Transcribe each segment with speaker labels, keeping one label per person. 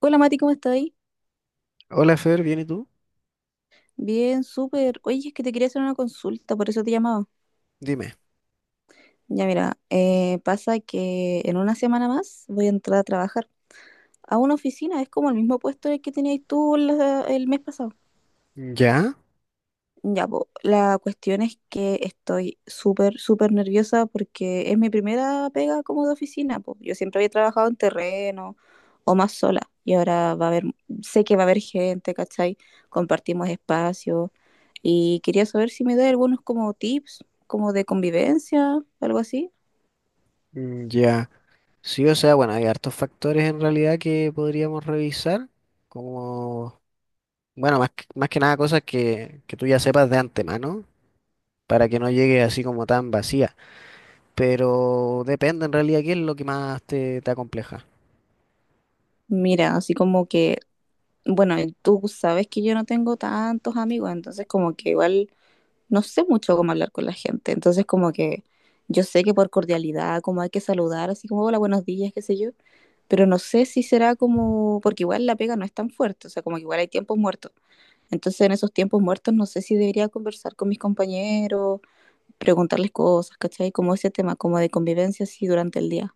Speaker 1: Hola Mati, ¿cómo estás ahí?
Speaker 2: Hola Fer, ¿bien y tú?
Speaker 1: Bien, súper. Oye, es que te quería hacer una consulta, por eso te llamaba.
Speaker 2: Dime.
Speaker 1: Ya mira, pasa que en una semana más voy a entrar a trabajar a una oficina, es como el mismo puesto en el que tenías tú el mes pasado.
Speaker 2: ¿Ya?
Speaker 1: Ya, po, la cuestión es que estoy súper, súper nerviosa porque es mi primera pega como de oficina, po. Yo siempre había trabajado en terreno o más sola y ahora sé que va a haber gente, ¿cachai? Compartimos espacio y quería saber si me da algunos como tips, como de convivencia, algo así.
Speaker 2: Mm, ya. Sí, o sea, bueno, hay hartos factores en realidad que podríamos revisar, como, bueno, más que nada cosas que tú ya sepas de antemano, para que no llegue así como tan vacía. Pero depende en realidad qué es lo que más te acompleja.
Speaker 1: Mira, así como que, bueno, tú sabes que yo no tengo tantos amigos, entonces como que igual no sé mucho cómo hablar con la gente, entonces como que yo sé que por cordialidad, como hay que saludar, así como hola, buenos días, qué sé yo, pero no sé si será como, porque igual la pega no es tan fuerte, o sea, como que igual hay tiempos muertos. Entonces en esos tiempos muertos no sé si debería conversar con mis compañeros, preguntarles cosas, ¿cachai? Como ese tema, como de convivencia así durante el día.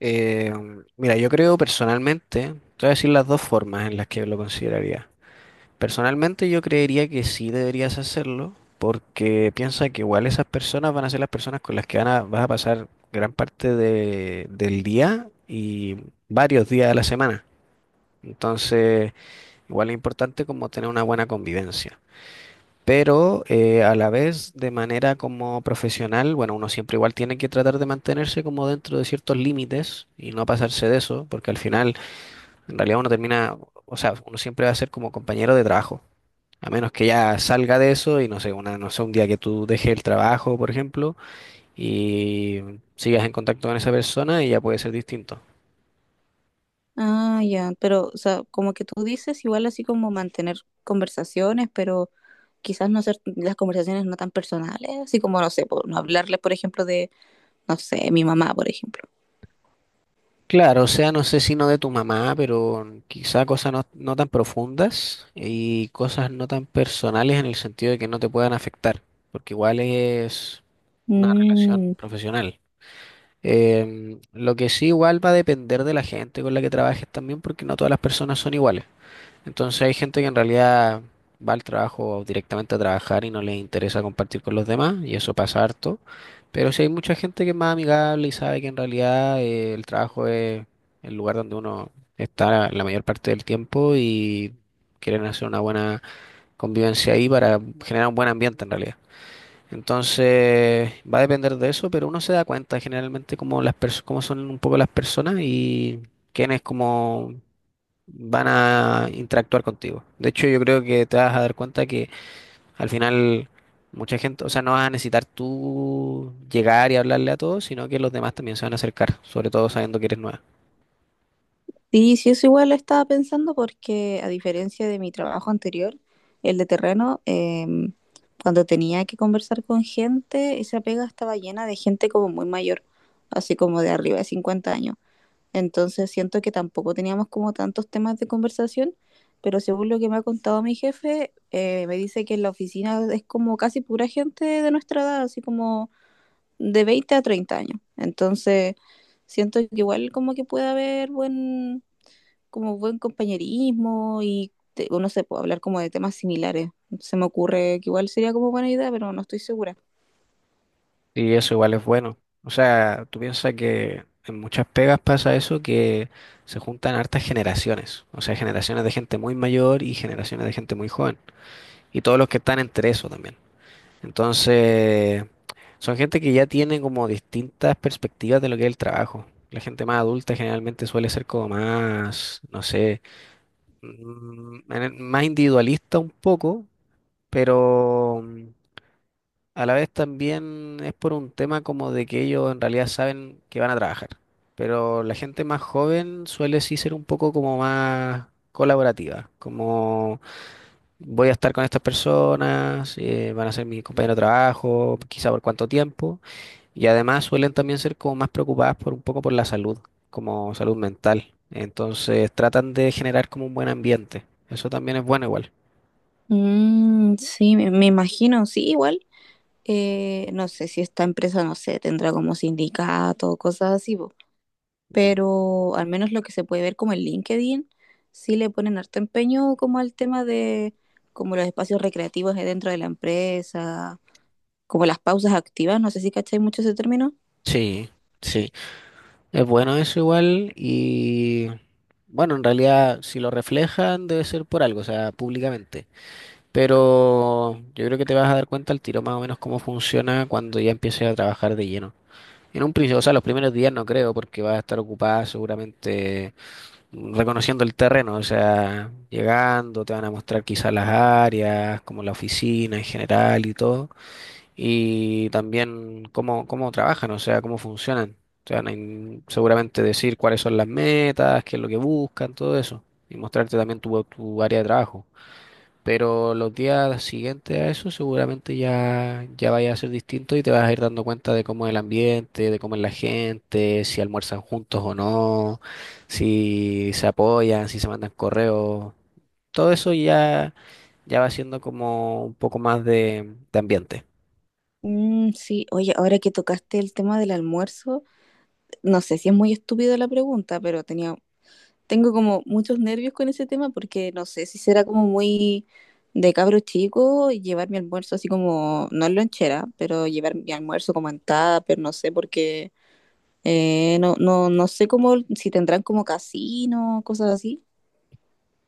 Speaker 2: Eh, mira, yo creo personalmente, te voy a decir las dos formas en las que lo consideraría. Personalmente yo creería que sí deberías hacerlo, porque piensa que igual esas personas van a ser las personas con las que vas a pasar gran parte del día y varios días de la semana. Entonces, igual es importante como tener una buena convivencia. Pero a la vez, de manera como profesional, bueno, uno siempre igual tiene que tratar de mantenerse como dentro de ciertos límites y no pasarse de eso, porque al final, en realidad uno termina, o sea, uno siempre va a ser como compañero de trabajo. A menos que ya salga de eso y no sé, una, no sé, un día que tú dejes el trabajo, por ejemplo, y sigas en contacto con esa persona y ya puede ser distinto.
Speaker 1: Ah, ya, pero, o sea, como que tú dices, igual así como mantener conversaciones, pero quizás no ser las conversaciones no tan personales, así como, no sé, por, no hablarles, por ejemplo, de no sé, mi mamá, por ejemplo.
Speaker 2: Claro, o sea, no sé si no de tu mamá, pero quizá cosas no, no tan profundas y cosas no tan personales en el sentido de que no te puedan afectar, porque igual es una relación
Speaker 1: Mm,
Speaker 2: profesional. Lo que sí igual va a depender de la gente con la que trabajes también, porque no todas las personas son iguales. Entonces hay gente que en realidad va al trabajo directamente a trabajar y no les interesa compartir con los demás, y eso pasa harto. Pero sí hay mucha gente que es más amigable y sabe que en realidad el trabajo es el lugar donde uno está la mayor parte del tiempo y quieren hacer una buena convivencia ahí para generar un buen ambiente en realidad. Entonces va a depender de eso, pero uno se da cuenta generalmente cómo las cómo son un poco las personas y quién es como van a interactuar contigo. De hecho, yo creo que te vas a dar cuenta que al final mucha gente, o sea, no vas a necesitar tú llegar y hablarle a todos, sino que los demás también se van a acercar, sobre todo sabiendo que eres nueva.
Speaker 1: sí, sí, eso igual lo estaba pensando porque a diferencia de mi trabajo anterior, el de terreno, cuando tenía que conversar con gente, esa pega estaba llena de gente como muy mayor, así como de arriba de 50 años. Entonces siento que tampoco teníamos como tantos temas de conversación, pero según lo que me ha contado mi jefe, me dice que en la oficina es como casi pura gente de nuestra edad, así como de 20 a 30 años. Entonces, siento que igual como que puede haber buen, como buen compañerismo y uno se puede hablar como de temas similares. Se me ocurre que igual sería como buena idea, pero no estoy segura.
Speaker 2: Y eso igual es bueno. O sea, tú piensas que en muchas pegas pasa eso, que se juntan hartas generaciones, o sea, generaciones de gente muy mayor y generaciones de gente muy joven, y todos los que están entre eso también. Entonces, son gente que ya tiene como distintas perspectivas de lo que es el trabajo. La gente más adulta generalmente suele ser como más, no sé, más individualista un poco, pero a la vez también es por un tema como de que ellos en realidad saben que van a trabajar. Pero la gente más joven suele sí ser un poco como más colaborativa, como voy a estar con estas personas, van a ser mis compañeros de trabajo, quizá por cuánto tiempo, y además suelen también ser como más preocupadas por un poco por la salud, como salud mental. Entonces tratan de generar como un buen ambiente. Eso también es bueno igual.
Speaker 1: Mm, sí, me imagino, sí, igual. No sé si esta empresa, no sé, tendrá como sindicato, cosas así, po.
Speaker 2: Ujú.
Speaker 1: Pero al menos lo que se puede ver como en LinkedIn, sí le ponen harto empeño como al tema de como los espacios recreativos de dentro de la empresa, como las pausas activas, no sé si cacháis mucho ese término.
Speaker 2: Sí, sí, es bueno eso igual y bueno, en realidad si lo reflejan debe ser por algo, o sea, públicamente. Pero yo creo que te vas a dar cuenta al tiro más o menos cómo funciona cuando ya empieces a trabajar de lleno. En un principio, o sea, los primeros días no creo, porque va a estar ocupada seguramente reconociendo el terreno, o sea, llegando, te van a mostrar quizás las áreas, como la oficina en general y todo, y también cómo, cómo trabajan, o sea, cómo funcionan. Te van a seguramente decir cuáles son las metas, qué es lo que buscan, todo eso, y mostrarte también tu área de trabajo. Pero los días siguientes a eso seguramente ya, ya vaya a ser distinto y te vas a ir dando cuenta de cómo es el ambiente, de cómo es la gente, si almuerzan juntos o no, si se apoyan, si se mandan correos. Todo eso ya, ya va siendo como un poco más de ambiente.
Speaker 1: Mm, sí, oye, ahora que tocaste el tema del almuerzo, no sé si es muy estúpido la pregunta, pero tengo como muchos nervios con ese tema porque no sé si será como muy de cabro chico y llevar mi almuerzo así como, no en lonchera, pero llevar mi almuerzo como en tupper, no sé, porque no, no, no sé cómo, si tendrán como casino, cosas así.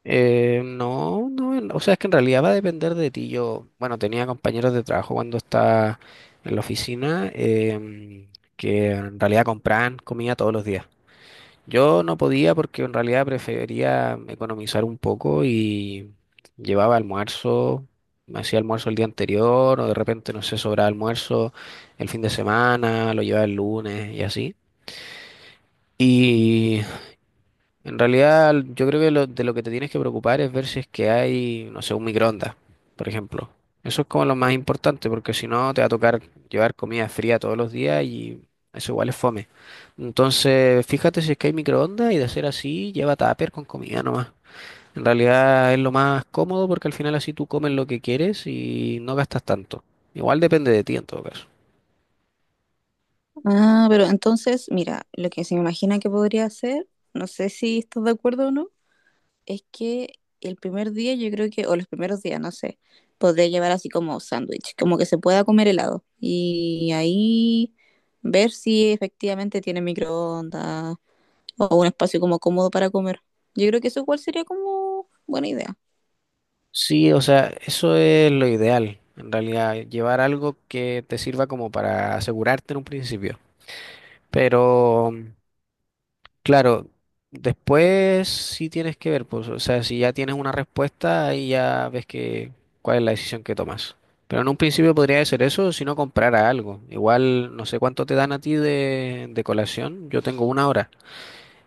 Speaker 2: No, no, o sea, es que en realidad va a depender de ti. Yo, bueno, tenía compañeros de trabajo cuando estaba en la oficina, que en realidad compraban comida todos los días. Yo no podía porque en realidad prefería economizar un poco y llevaba almuerzo, me hacía almuerzo el día anterior o de repente, no sé, sobraba almuerzo el fin de semana, lo llevaba el lunes y así. Y en realidad, yo creo que de lo que te tienes que preocupar es ver si es que hay, no sé, un microondas, por ejemplo. Eso es como lo más importante, porque si no te va a tocar llevar comida fría todos los días y eso igual es fome. Entonces, fíjate si es que hay microondas y de ser así, lleva tupper con comida nomás. En realidad es lo más cómodo porque al final así tú comes lo que quieres y no gastas tanto. Igual depende de ti en todo caso.
Speaker 1: Ah, pero entonces, mira, lo que se me imagina que podría hacer, no sé si estás de acuerdo o no, es que el primer día yo creo que, o los primeros días, no sé, podría llevar así como sándwich, como que se pueda comer helado. Y ahí ver si efectivamente tiene microondas o un espacio como cómodo para comer. Yo creo que eso igual sería como buena idea.
Speaker 2: Sí, o sea, eso es lo ideal, en realidad, llevar algo que te sirva como para asegurarte en un principio. Pero, claro, después sí tienes que ver, pues, o sea, si ya tienes una respuesta, ahí ya ves que cuál es la decisión que tomas. Pero en un principio podría ser eso, si no comprara algo. Igual, no sé cuánto te dan a ti de colación, yo tengo una hora.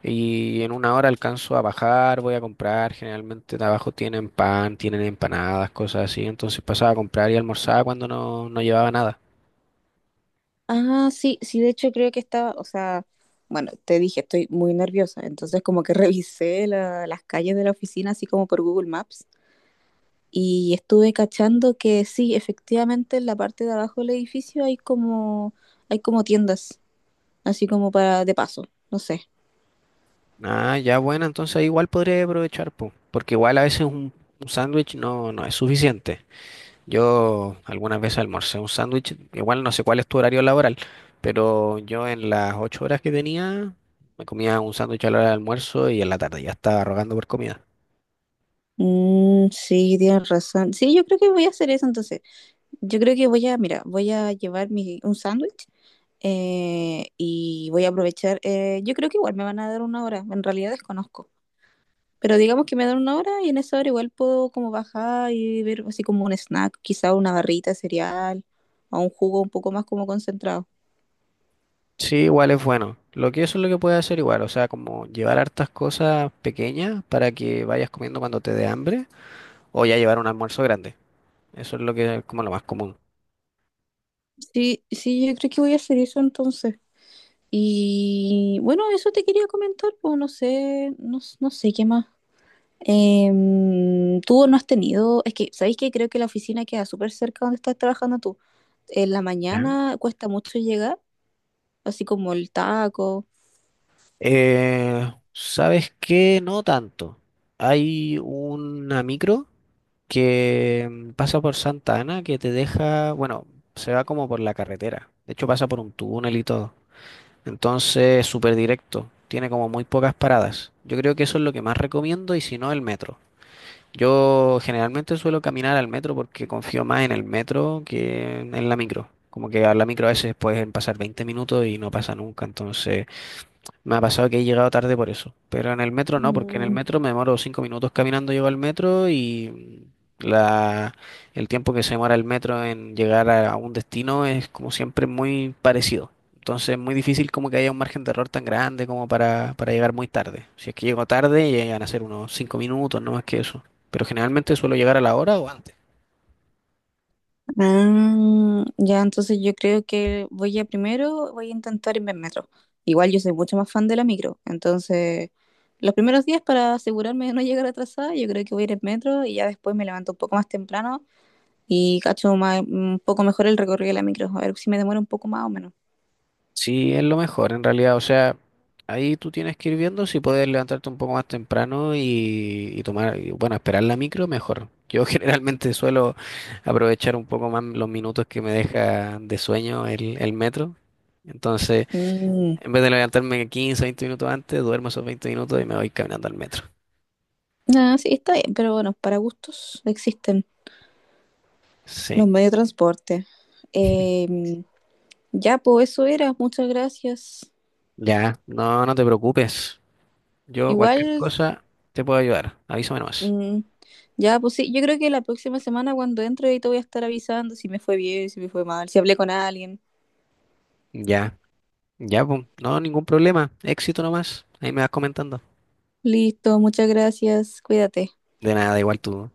Speaker 2: Y en una hora alcanzo a bajar, voy a comprar. Generalmente de abajo tienen pan, tienen empanadas, cosas así. Entonces pasaba a comprar y almorzaba cuando no, no llevaba nada.
Speaker 1: Ah, sí, sí, de hecho creo que estaba, o sea, bueno, te dije, estoy muy nerviosa, entonces como que revisé las calles de la oficina así como por Google Maps. Y estuve cachando que sí, efectivamente en la parte de abajo del edificio hay como tiendas, así como para de paso, no sé.
Speaker 2: Ah, ya bueno, entonces ahí igual podría aprovechar, po, porque igual a veces un sándwich no, no es suficiente. Yo algunas veces almorcé un sándwich, igual no sé cuál es tu horario laboral, pero yo en las 8 horas que tenía me comía un sándwich a la hora del almuerzo y en la tarde ya estaba rogando por comida.
Speaker 1: Mm, sí, tienes razón. Sí, yo creo que voy a hacer eso entonces. Yo creo que voy a, mira, voy a llevar mi, un sándwich, y voy a aprovechar. Yo creo que igual me van a dar una hora, en realidad desconozco. Pero digamos que me dan una hora y en esa hora igual puedo como bajar y ver así como un snack, quizá una barrita de cereal o un jugo un poco más como concentrado.
Speaker 2: Sí, igual es bueno. Lo que eso es lo que puedes hacer igual, o sea, como llevar hartas cosas pequeñas para que vayas comiendo cuando te dé hambre, o ya llevar un almuerzo grande. Eso es lo que es como lo más común.
Speaker 1: Sí, sí, yo creo que voy a hacer eso entonces. Y bueno, eso te quería comentar, pues no sé, no, no sé qué más. Tú no has tenido, es que, ¿sabéis que Creo que la oficina queda súper cerca donde estás trabajando tú. En la
Speaker 2: ¿Ya?
Speaker 1: mañana cuesta mucho llegar, así como el taco.
Speaker 2: ¿Sabes qué? No tanto. Hay una micro que pasa por Santa Ana que te deja, bueno, se va como por la carretera. De hecho, pasa por un túnel y todo. Entonces, súper directo. Tiene como muy pocas paradas. Yo creo que eso es lo que más recomiendo y si no, el metro. Yo generalmente suelo caminar al metro porque confío más en el metro que en la micro. Como que a la micro a veces pueden pasar 20 minutos y no pasa nunca, entonces... Me ha pasado que he llegado tarde por eso, pero en el metro no, porque en el
Speaker 1: Mm.
Speaker 2: metro me demoro 5 minutos caminando, llego al metro y la, el tiempo que se demora el metro en llegar a un destino es como siempre muy parecido. Entonces es muy difícil como que haya un margen de error tan grande como para llegar muy tarde. Si es que llego tarde, llegan a ser unos 5 minutos, no más que eso. Pero generalmente suelo llegar a la hora o antes.
Speaker 1: Ah, ya, entonces yo creo que voy a primero, voy a intentar irme en metro. Igual yo soy mucho más fan de la micro, entonces los primeros días para asegurarme de no llegar atrasada, yo creo que voy a ir en metro y ya después me levanto un poco más temprano y cacho un poco mejor el recorrido de la micro, a ver si me demora un poco más o menos.
Speaker 2: Sí, es lo mejor en realidad. O sea, ahí tú tienes que ir viendo si puedes levantarte un poco más temprano y tomar, y, bueno, esperar la micro, mejor. Yo generalmente suelo aprovechar un poco más los minutos que me deja de sueño el metro. Entonces,
Speaker 1: Mm.
Speaker 2: en vez de levantarme 15, 20 minutos antes, duermo esos 20 minutos y me voy caminando al metro.
Speaker 1: Ah, sí, está bien, pero bueno, para gustos existen los
Speaker 2: Sí,
Speaker 1: medios de transporte. Em, ya, pues eso era, muchas gracias.
Speaker 2: ya, no, no te preocupes. Yo cualquier
Speaker 1: Igual.
Speaker 2: cosa te puedo ayudar. Avísame nomás.
Speaker 1: Mm, ya, pues sí, yo creo que la próxima semana cuando entre ahí te voy a estar avisando si me fue bien, si me fue mal, si hablé con alguien.
Speaker 2: Ya, ya, pum. No, ningún problema. Éxito nomás. Ahí me vas comentando.
Speaker 1: Listo, muchas gracias, cuídate.
Speaker 2: De nada, igual tú.